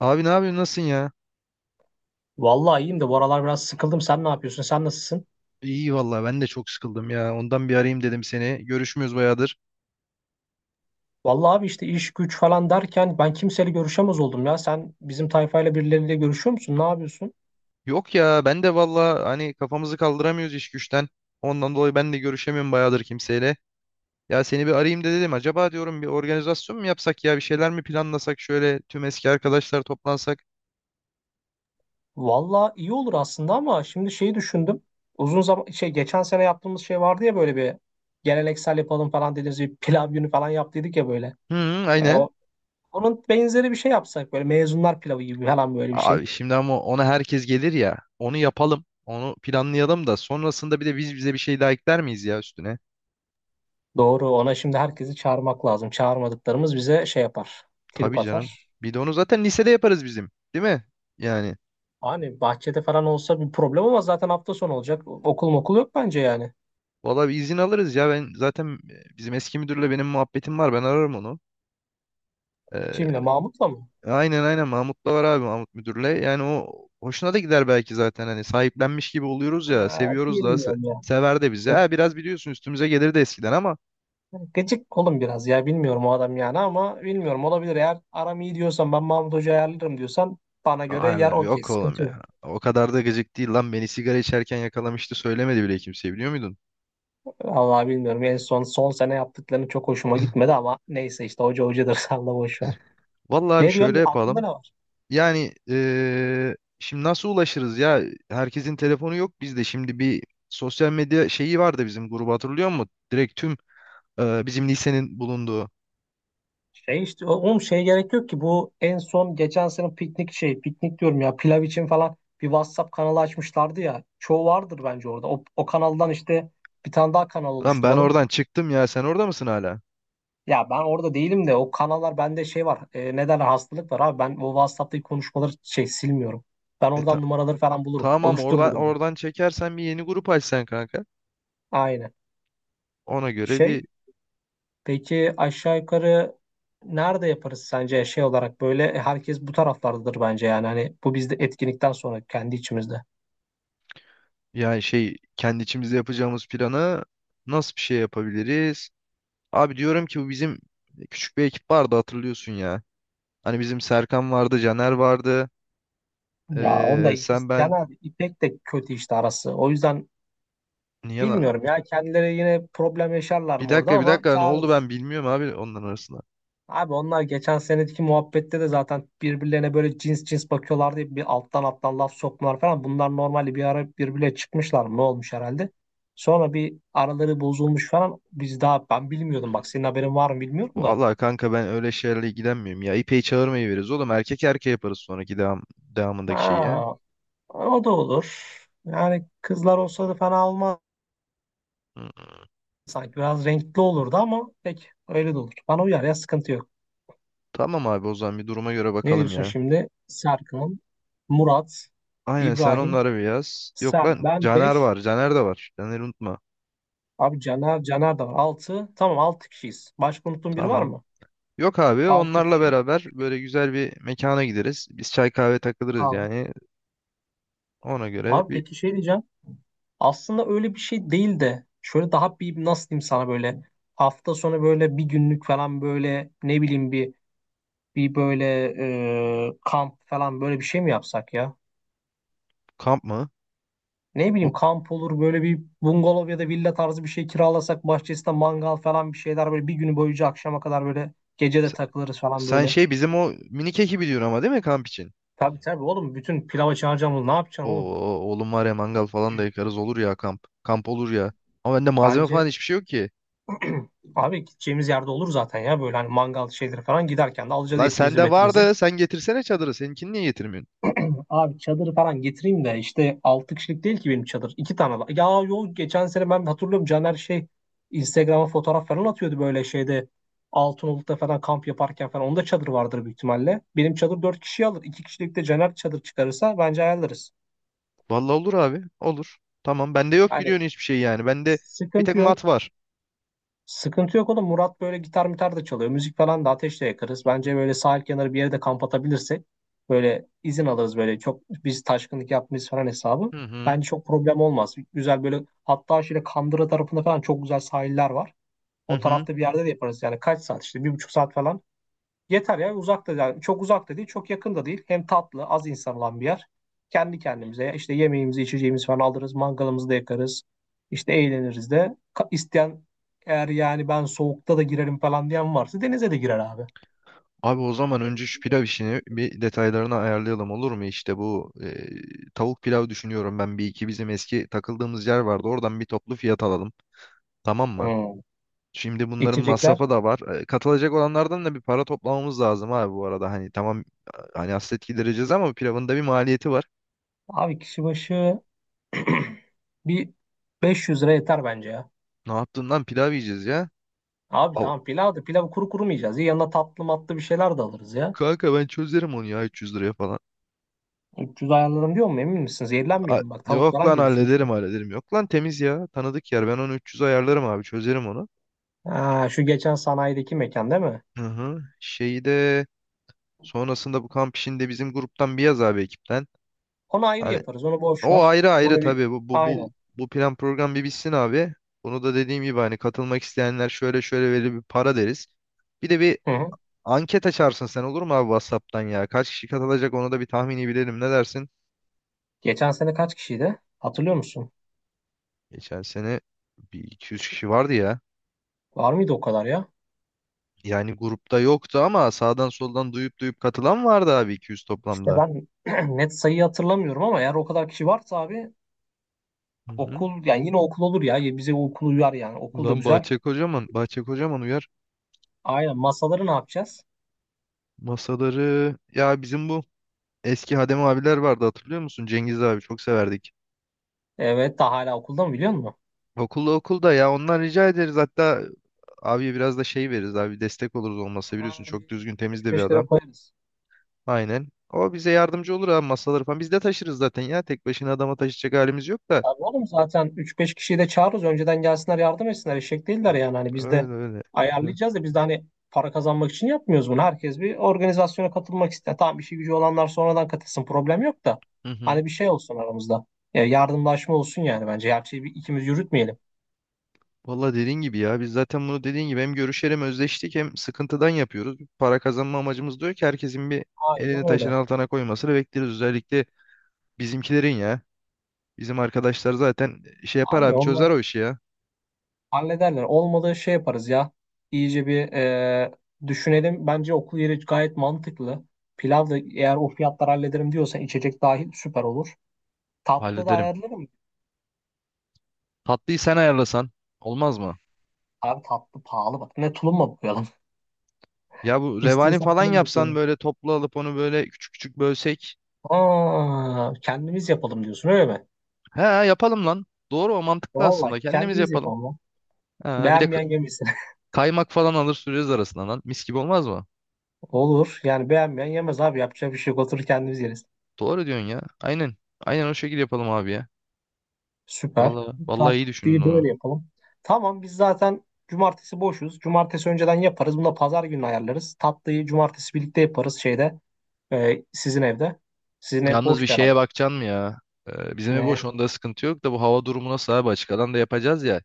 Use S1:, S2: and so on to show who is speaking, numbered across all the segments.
S1: Abi ne yapıyorsun? Nasılsın ya?
S2: Vallahi iyiyim de bu aralar biraz sıkıldım. Sen ne yapıyorsun? Sen nasılsın?
S1: İyi vallahi ben de çok sıkıldım ya. Ondan bir arayayım dedim seni. Görüşmüyoruz bayağıdır.
S2: Vallahi abi işte iş güç falan derken ben kimseyle görüşemez oldum ya. Sen bizim tayfayla birileriyle görüşüyor musun? Ne yapıyorsun?
S1: Yok ya ben de vallahi hani kafamızı kaldıramıyoruz iş güçten. Ondan dolayı ben de görüşemiyorum bayağıdır kimseyle. Ya seni bir arayayım da dedim. Acaba diyorum bir organizasyon mu yapsak ya? Bir şeyler mi planlasak? Şöyle tüm eski arkadaşlar toplansak.
S2: Vallahi iyi olur aslında ama şimdi şeyi düşündüm. Uzun zaman şey geçen sene yaptığımız şey vardı ya böyle bir geleneksel yapalım falan dediğimiz bir pilav günü falan yaptıydık ya böyle.
S1: Hı, hı,
S2: E,
S1: aynen.
S2: o, Onun benzeri bir şey yapsak böyle mezunlar pilavı gibi falan böyle bir şey.
S1: Abi şimdi ama ona herkes gelir ya. Onu yapalım. Onu planlayalım da sonrasında bir de biz bize bir şey daha ekler miyiz ya üstüne?
S2: Doğru ona şimdi herkesi çağırmak lazım. Çağırmadıklarımız bize şey yapar. Trip
S1: Tabii canım.
S2: atar.
S1: Bir de onu zaten lisede yaparız bizim. Değil mi? Yani.
S2: Hani bahçede falan olsa bir problem ama zaten hafta sonu olacak. Okul okul yok bence yani.
S1: Valla bir izin alırız ya. Ben zaten bizim eski müdürle benim muhabbetim var. Ben ararım onu.
S2: Kimle?
S1: Ee,
S2: Mahmut'la mı?
S1: aynen aynen Mahmut da var abi Mahmut müdürle. Yani o hoşuna da gider belki zaten. Hani sahiplenmiş gibi oluyoruz ya.
S2: Aa,
S1: Seviyoruz da
S2: bilmiyorum ya.
S1: sever de bizi.
S2: Gı-
S1: Ha, biraz biliyorsun üstümüze gelir de eskiden ama
S2: Gıcık olun biraz ya. Bilmiyorum o adam yani ama bilmiyorum olabilir. Eğer aram iyi diyorsan ben Mahmut Hoca ayarlarım diyorsan bana göre yer
S1: ayarlam
S2: okey.
S1: yok oğlum
S2: Sıkıntı yok.
S1: ya. O kadar da gıcık değil lan. Beni sigara içerken yakalamıştı. Söylemedi bile kimseye biliyor muydun?
S2: Vallahi bilmiyorum. En son son sene yaptıklarını çok hoşuma gitmedi ama neyse işte hoca hocadır. Salla boş ver.
S1: Vallahi bir
S2: Ne
S1: şöyle
S2: diyorsun? Aklında
S1: yapalım.
S2: ne var?
S1: Yani şimdi nasıl ulaşırız ya? Herkesin telefonu yok bizde. Şimdi bir sosyal medya şeyi vardı bizim grubu hatırlıyor musun? Direkt tüm bizim lisenin bulunduğu.
S2: Şey işte oğlum şey gerek yok ki bu en son geçen sene piknik şey piknik diyorum ya pilav için falan bir WhatsApp kanalı açmışlardı ya. Çoğu vardır bence orada. O kanaldan işte bir tane daha kanal
S1: Lan ben
S2: oluşturalım.
S1: oradan çıktım ya sen orada mısın hala?
S2: Ya ben orada değilim de o kanallar bende şey var. E, neden hastalık var abi ben o WhatsApp'taki konuşmaları şey silmiyorum. Ben
S1: E ta-
S2: oradan numaraları falan bulurum.
S1: tamam
S2: Oluştururum
S1: oradan
S2: bunu.
S1: oradan çekersen bir yeni grup açsan kanka.
S2: Aynen.
S1: Ona göre
S2: Şey
S1: bir
S2: peki aşağı yukarı nerede yaparız sence şey olarak böyle herkes bu taraflardadır bence yani hani bu bizde etkinlikten sonra kendi içimizde.
S1: yani şey kendi içimizde yapacağımız planı nasıl bir şey yapabiliriz? Abi diyorum ki bu bizim küçük bir ekip vardı hatırlıyorsun ya. Hani bizim Serkan vardı, Caner vardı.
S2: Ya onda
S1: Sen
S2: Can
S1: ben.
S2: abi İpek de kötü işte arası. O yüzden
S1: Niye lan?
S2: bilmiyorum ya kendileri yine problem yaşarlar
S1: Bir
S2: mı orada
S1: dakika bir
S2: ama
S1: dakika ne oldu
S2: çağırırız.
S1: ben bilmiyorum abi onların arasında.
S2: Abi onlar geçen seneki muhabbette de zaten birbirlerine böyle cins cins bakıyorlardı diye bir alttan alttan laf sokmalar falan. Bunlar normalde bir ara birbirine çıkmışlar mı ne olmuş herhalde. Sonra bir araları bozulmuş falan. Biz daha ben bilmiyordum bak senin haberin var mı bilmiyorum da.
S1: Vallahi kanka ben öyle şeylerle ilgilenmiyorum ya. İpeyi çağırmayı veririz oğlum. Erkek erkeğe yaparız sonraki devamındaki şeyi ya.
S2: Ha, o da olur. Yani kızlar olsa da fena olmaz.
S1: Hı.
S2: Sanki biraz renkli olurdu ama pek öyle de olur. Bana uyar ya sıkıntı yok.
S1: Tamam abi o zaman bir duruma göre
S2: Ne
S1: bakalım
S2: diyorsun
S1: ya.
S2: şimdi? Serkan, Murat,
S1: Aynen sen
S2: İbrahim,
S1: onları bir yaz. Yok
S2: Sel,
S1: lan
S2: ben
S1: Caner
S2: 5.
S1: var. Caner de var. Caner'i unutma.
S2: Abi Caner, Caner de var. 6. Tamam 6 kişiyiz. Başka unuttuğum biri var
S1: Tamam.
S2: mı?
S1: Yok abi
S2: 6
S1: onlarla
S2: kişi.
S1: beraber böyle güzel bir mekana gideriz. Biz çay kahve takılırız
S2: Tamam.
S1: yani. Ona göre
S2: Abi
S1: bir
S2: peki şey diyeceğim. Aslında öyle bir şey değil de şöyle daha bir nasıl diyeyim sana böyle hafta sonu böyle bir günlük falan böyle ne bileyim bir böyle kamp falan böyle bir şey mi yapsak ya?
S1: kamp mı?
S2: Ne
S1: O,
S2: bileyim kamp olur böyle bir bungalov ya da villa tarzı bir şey kiralasak bahçesinde mangal falan bir şeyler böyle bir günü boyunca akşama kadar böyle gece de
S1: sen
S2: takılırız falan
S1: sen
S2: böyle.
S1: şey bizim o minik ekibi diyorsun ama değil mi kamp için?
S2: Tabii tabii oğlum bütün pilava çağıracağım onu ne yapacaksın oğlum?
S1: Oo, oğlum var ya mangal falan da yakarız olur ya kamp. Kamp olur ya. Ama bende malzeme falan
S2: Bence
S1: hiçbir şey yok ki.
S2: abi gideceğimiz yerde olur zaten ya böyle hani mangal şeyleri falan giderken de alacağız
S1: Lan
S2: etimizi
S1: sende
S2: metimizi.
S1: vardı. Sen getirsene çadırı. Seninkini niye getirmiyorsun?
S2: Abi çadırı falan getireyim de işte 6 kişilik değil ki benim çadır. 2 tane var. Ya yok geçen sene ben hatırlıyorum Caner şey Instagram'a fotoğraf falan atıyordu böyle şeyde. Altınoluk'ta falan kamp yaparken falan. Onda çadır vardır büyük ihtimalle. Benim çadır 4 kişi alır. 2 kişilik de Caner çadır çıkarırsa bence ayarlarız.
S1: Vallahi olur abi. Olur. Tamam. Bende yok
S2: Hani
S1: biliyorsun hiçbir şey yani. Bende bir tek
S2: sıkıntı
S1: mat
S2: yok.
S1: var.
S2: Sıkıntı yok oğlum. Murat böyle gitar mitar da çalıyor. Müzik falan da ateşle yakarız.
S1: Hı hı.
S2: Bence böyle sahil kenarı bir yere de kamp atabilirsek böyle izin alırız böyle. Çok biz taşkınlık yapmayız falan hesabı.
S1: Hı hı.
S2: Bence çok problem olmaz. Güzel böyle hatta şöyle Kandıra tarafında falan çok güzel sahiller var. O
S1: Hı.
S2: tarafta bir yerde de yaparız. Yani kaç saat işte 1,5 saat falan. Yeter ya uzak da yani çok uzak da değil çok yakın da değil. Hem tatlı az insan olan bir yer. Kendi kendimize işte yemeğimizi içeceğimizi falan alırız. Mangalımızı da yakarız. İşte eğleniriz de. İsteyen eğer yani ben soğukta da girerim falan diyen varsa denize de girer abi.
S1: Abi o zaman önce şu pilav işini bir detaylarını ayarlayalım olur mu? İşte bu tavuk pilav düşünüyorum ben bir iki bizim eski takıldığımız yer vardı. Oradan bir toplu fiyat alalım. Tamam mı?
S2: Hmm.
S1: Şimdi bunların
S2: İçecekler.
S1: masrafı da var. Katılacak olanlardan da bir para toplamamız lazım abi bu arada. Hani tamam hani hasret gidereceğiz ama pilavın da bir maliyeti var.
S2: Abi kişi başı bir 500 lira yeter bence ya.
S1: Ne yaptığından pilav yiyeceğiz ya.
S2: Abi
S1: Al-
S2: tamam pilav da pilavı kuru kuru mu yiyeceğiz? Ya yanına tatlı matlı bir şeyler de alırız ya.
S1: Kanka ben çözerim onu ya 300 liraya falan.
S2: 300 ayarlarım diyor mu emin misiniz? Zehirlenmeyelim bak tavuk
S1: Yok
S2: falan
S1: lan
S2: giriyor işin içine.
S1: hallederim hallederim. Yok lan temiz ya. Tanıdık yer. Ben onu 300 ayarlarım abi. Çözerim onu.
S2: Ha, şu geçen sanayideki mekan değil mi?
S1: Hı hı. Şeyi de sonrasında bu kamp işinde bizim gruptan bir yaz abi ekipten.
S2: Onu ayrı yaparız. Onu boş
S1: O
S2: ver.
S1: ayrı ayrı
S2: Onu bir
S1: tabii bu bu bu
S2: aynen.
S1: bu plan program bir bitsin abi. Bunu da dediğim gibi hani katılmak isteyenler şöyle şöyle verili bir para deriz. Bir de bir
S2: Hı hı.
S1: anket açarsın sen olur mu abi WhatsApp'tan ya? Kaç kişi katılacak onu da bir tahmini bilelim ne dersin?
S2: Geçen sene kaç kişiydi? Hatırlıyor musun?
S1: Geçen sene bir iki yüz kişi vardı ya.
S2: Var mıydı o kadar ya?
S1: Yani grupta yoktu ama sağdan soldan duyup duyup katılan vardı abi 200
S2: İşte
S1: toplamda.
S2: ben net sayıyı hatırlamıyorum ama eğer o kadar kişi varsa abi
S1: Hı hı.
S2: okul yani yine okul olur ya. Ya bize okul uyar yani. Okul da
S1: Lan
S2: güzel.
S1: Bahçe Kocaman, Bahçe Kocaman uyar.
S2: Aynen. Masaları ne yapacağız?
S1: Masaları ya bizim bu eski Hadem abiler vardı hatırlıyor musun? Cengiz abi çok severdik.
S2: Evet daha hala okulda mı biliyor musun?
S1: Okulda okulda ya ondan rica ederiz. Hatta abiye biraz da şey veririz abi destek oluruz olmasa biliyorsun
S2: Abi
S1: çok düzgün temiz
S2: yirmi
S1: de bir
S2: beş lira
S1: adam.
S2: koyarız.
S1: Aynen. O bize yardımcı olur abi masaları falan. Biz de taşırız zaten ya. Tek başına adama taşıyacak halimiz yok da.
S2: Abi oğlum zaten üç beş kişiyi de çağırırız. Önceden gelsinler yardım etsinler. Eşek değiller yani. Hani biz de
S1: Öyle öyle.
S2: ayarlayacağız da biz de hani para kazanmak için yapmıyoruz bunu. Herkes bir organizasyona katılmak ister. Tamam işi gücü olanlar sonradan katılsın. Problem yok da.
S1: Hı hı.
S2: Hani bir şey olsun aramızda. Ya yardımlaşma olsun yani bence. Her şeyi bir, ikimiz yürütmeyelim.
S1: Valla dediğin gibi ya biz zaten bunu dediğin gibi hem görüşelim hem özleştik hem sıkıntıdan yapıyoruz. Para kazanma amacımız diyor ki herkesin bir elini
S2: Aynen
S1: taşın
S2: öyle.
S1: altına koymasını bekleriz. Özellikle bizimkilerin ya. Bizim arkadaşlar zaten şey yapar
S2: Abi
S1: abi
S2: onlar
S1: çözer o işi ya.
S2: hallederler. Olmadığı şey yaparız ya. İyice bir düşünelim. Bence okul yeri gayet mantıklı. Pilav da eğer o fiyatlar hallederim diyorsan içecek dahil süper olur. Tatlı da
S1: Hallederim.
S2: ayarlarım.
S1: Tatlıyı sen ayarlasan olmaz mı?
S2: Abi tatlı pahalı bak. Ne tulumla boyayalım.
S1: Ya bu revani
S2: İstiyorsan
S1: falan
S2: tulumla
S1: yapsan
S2: boyayalım.
S1: böyle toplu alıp onu böyle küçük küçük bölsek.
S2: Aa, kendimiz yapalım diyorsun öyle mi?
S1: He yapalım lan. Doğru o mantıklı
S2: Valla
S1: aslında. Kendimiz
S2: kendimiz
S1: yapalım.
S2: yapalım lan.
S1: Ha, bir de
S2: Beğenmeyen yemesin.
S1: kaymak falan alır süreriz arasına lan. Mis gibi olmaz mı?
S2: Olur. Yani beğenmeyen yemez abi. Yapacak bir şey yok. Oturur kendimiz yeriz.
S1: Doğru diyorsun ya. Aynen. Aynen o şekilde yapalım abi ya.
S2: Süper.
S1: Vallahi, vallahi iyi düşündün
S2: Tatlıyı
S1: onu.
S2: böyle yapalım. Tamam biz zaten cumartesi boşuz. Cumartesi önceden yaparız. Bunu da pazar günü ayarlarız. Tatlıyı cumartesi birlikte yaparız şeyde. Sizin evde. Sizin ev
S1: Yalnız bir
S2: boştu herhalde.
S1: şeye bakacaksın mı ya? Bizim ev boş
S2: Ne?
S1: onda sıkıntı yok da bu hava durumu nasıl abi açık alan da yapacağız ya.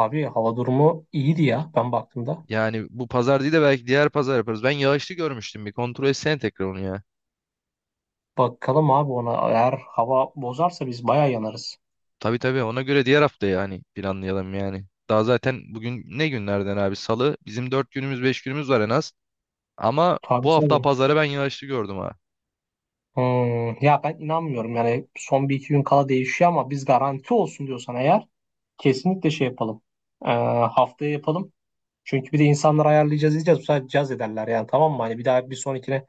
S2: Abi hava durumu iyiydi ya ben baktığımda.
S1: Yani bu pazar değil de belki diğer pazar yaparız. Ben yağışlı görmüştüm bir kontrol etsene tekrar onu ya.
S2: Bakalım abi ona eğer hava bozarsa biz bayağı yanarız.
S1: Tabii tabii ona göre diğer hafta yani planlayalım yani. Daha zaten bugün ne günlerden abi? Salı. Bizim 4 günümüz 5 günümüz var en az. Ama
S2: Tabii
S1: bu hafta
S2: tabii.
S1: pazarı ben yağışlı gördüm ha.
S2: Ya ben inanmıyorum yani son bir iki gün kala değişiyor ama biz garanti olsun diyorsan eğer kesinlikle şey yapalım. Ee, Haftaya yapalım. Çünkü bir de insanları ayarlayacağız diyeceğiz. Bu sefer caz ederler yani tamam mı? Hani bir daha bir sonrakine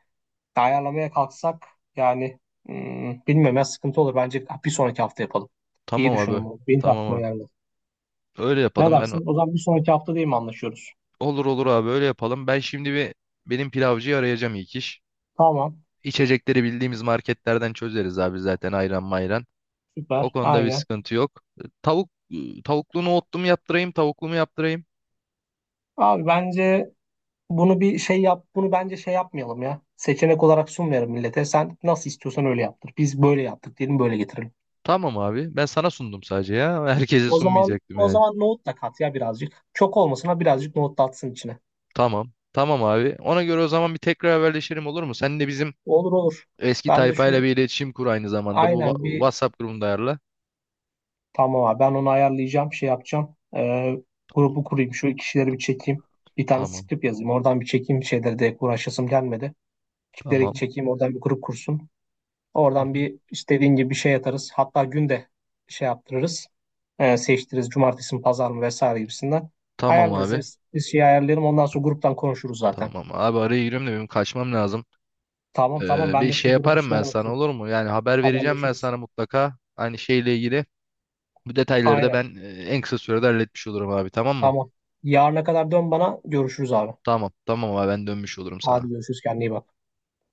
S2: ayarlamaya kalksak yani bilmiyorum ya sıkıntı olur. Bence bir sonraki hafta yapalım. İyi
S1: Tamam abi.
S2: düşündüm bunu. Benim de
S1: Tamam
S2: aklıma
S1: abi.
S2: geldi.
S1: Öyle
S2: Ne
S1: yapalım ben.
S2: dersin? O zaman bir sonraki hafta değil mi anlaşıyoruz?
S1: Olur olur abi öyle yapalım. Ben şimdi bir benim pilavcıyı arayacağım ilk iş.
S2: Tamam.
S1: İçecekleri bildiğimiz marketlerden çözeriz abi zaten ayran mayran. O
S2: Süper.
S1: konuda bir
S2: Aynen.
S1: sıkıntı yok. Tavuk Tavuklu nohutlu mu yaptırayım, tavuklu mu yaptırayım?
S2: Abi bence bunu bir şey yap, bunu bence şey yapmayalım ya. Seçenek olarak sunmayalım millete. Sen nasıl istiyorsan öyle yaptır. Biz böyle yaptık diyelim, böyle getirelim.
S1: Tamam abi. Ben sana sundum sadece ya. Herkese
S2: O zaman
S1: sunmayacaktım
S2: o
S1: yani.
S2: zaman nohut da kat ya birazcık. Çok olmasına birazcık nohut da atsın içine.
S1: Tamam. Tamam abi. Ona göre o zaman bir tekrar haberleşelim olur mu? Sen de bizim
S2: Olur olur.
S1: eski
S2: Ben de
S1: tayfayla bir
S2: şu
S1: iletişim kur aynı zamanda. Bu
S2: aynen bir
S1: WhatsApp grubunda ayarla.
S2: tamam abi ben onu ayarlayacağım, şey yapacağım. Grubu kurayım, şu kişileri bir çekeyim. Bir tane
S1: Tamam.
S2: script yazayım. Oradan bir çekeyim şeyleri de uğraşasım gelmedi. Kişileri
S1: Tamam.
S2: çekeyim oradan bir grup kursun.
S1: Hı
S2: Oradan
S1: hı.
S2: bir istediğin gibi bir şey atarız. Hatta günde şey yaptırırız. Seçtiririz cumartesi mi pazar mı vesaire gibisinden.
S1: Tamam
S2: Ayarlarız.
S1: abi.
S2: Biz şey ayarlayalım. Ondan sonra gruptan konuşuruz zaten.
S1: Tamam abi araya giriyorum da benim kaçmam lazım.
S2: Tamam tamam ben
S1: Bir
S2: de
S1: şey
S2: şu grup
S1: yaparım ben
S2: işlerine
S1: sana
S2: bakayım.
S1: olur mu? Yani haber vereceğim ben
S2: Haberleşiriz.
S1: sana mutlaka. Aynı şeyle ilgili. Bu detayları da
S2: Aynen.
S1: ben en kısa sürede halletmiş olurum abi tamam mı?
S2: Tamam. Yarına kadar dön bana. Görüşürüz abi.
S1: Tamam. Tamam abi ben dönmüş olurum
S2: Hadi
S1: sana.
S2: görüşürüz. Kendine iyi bak.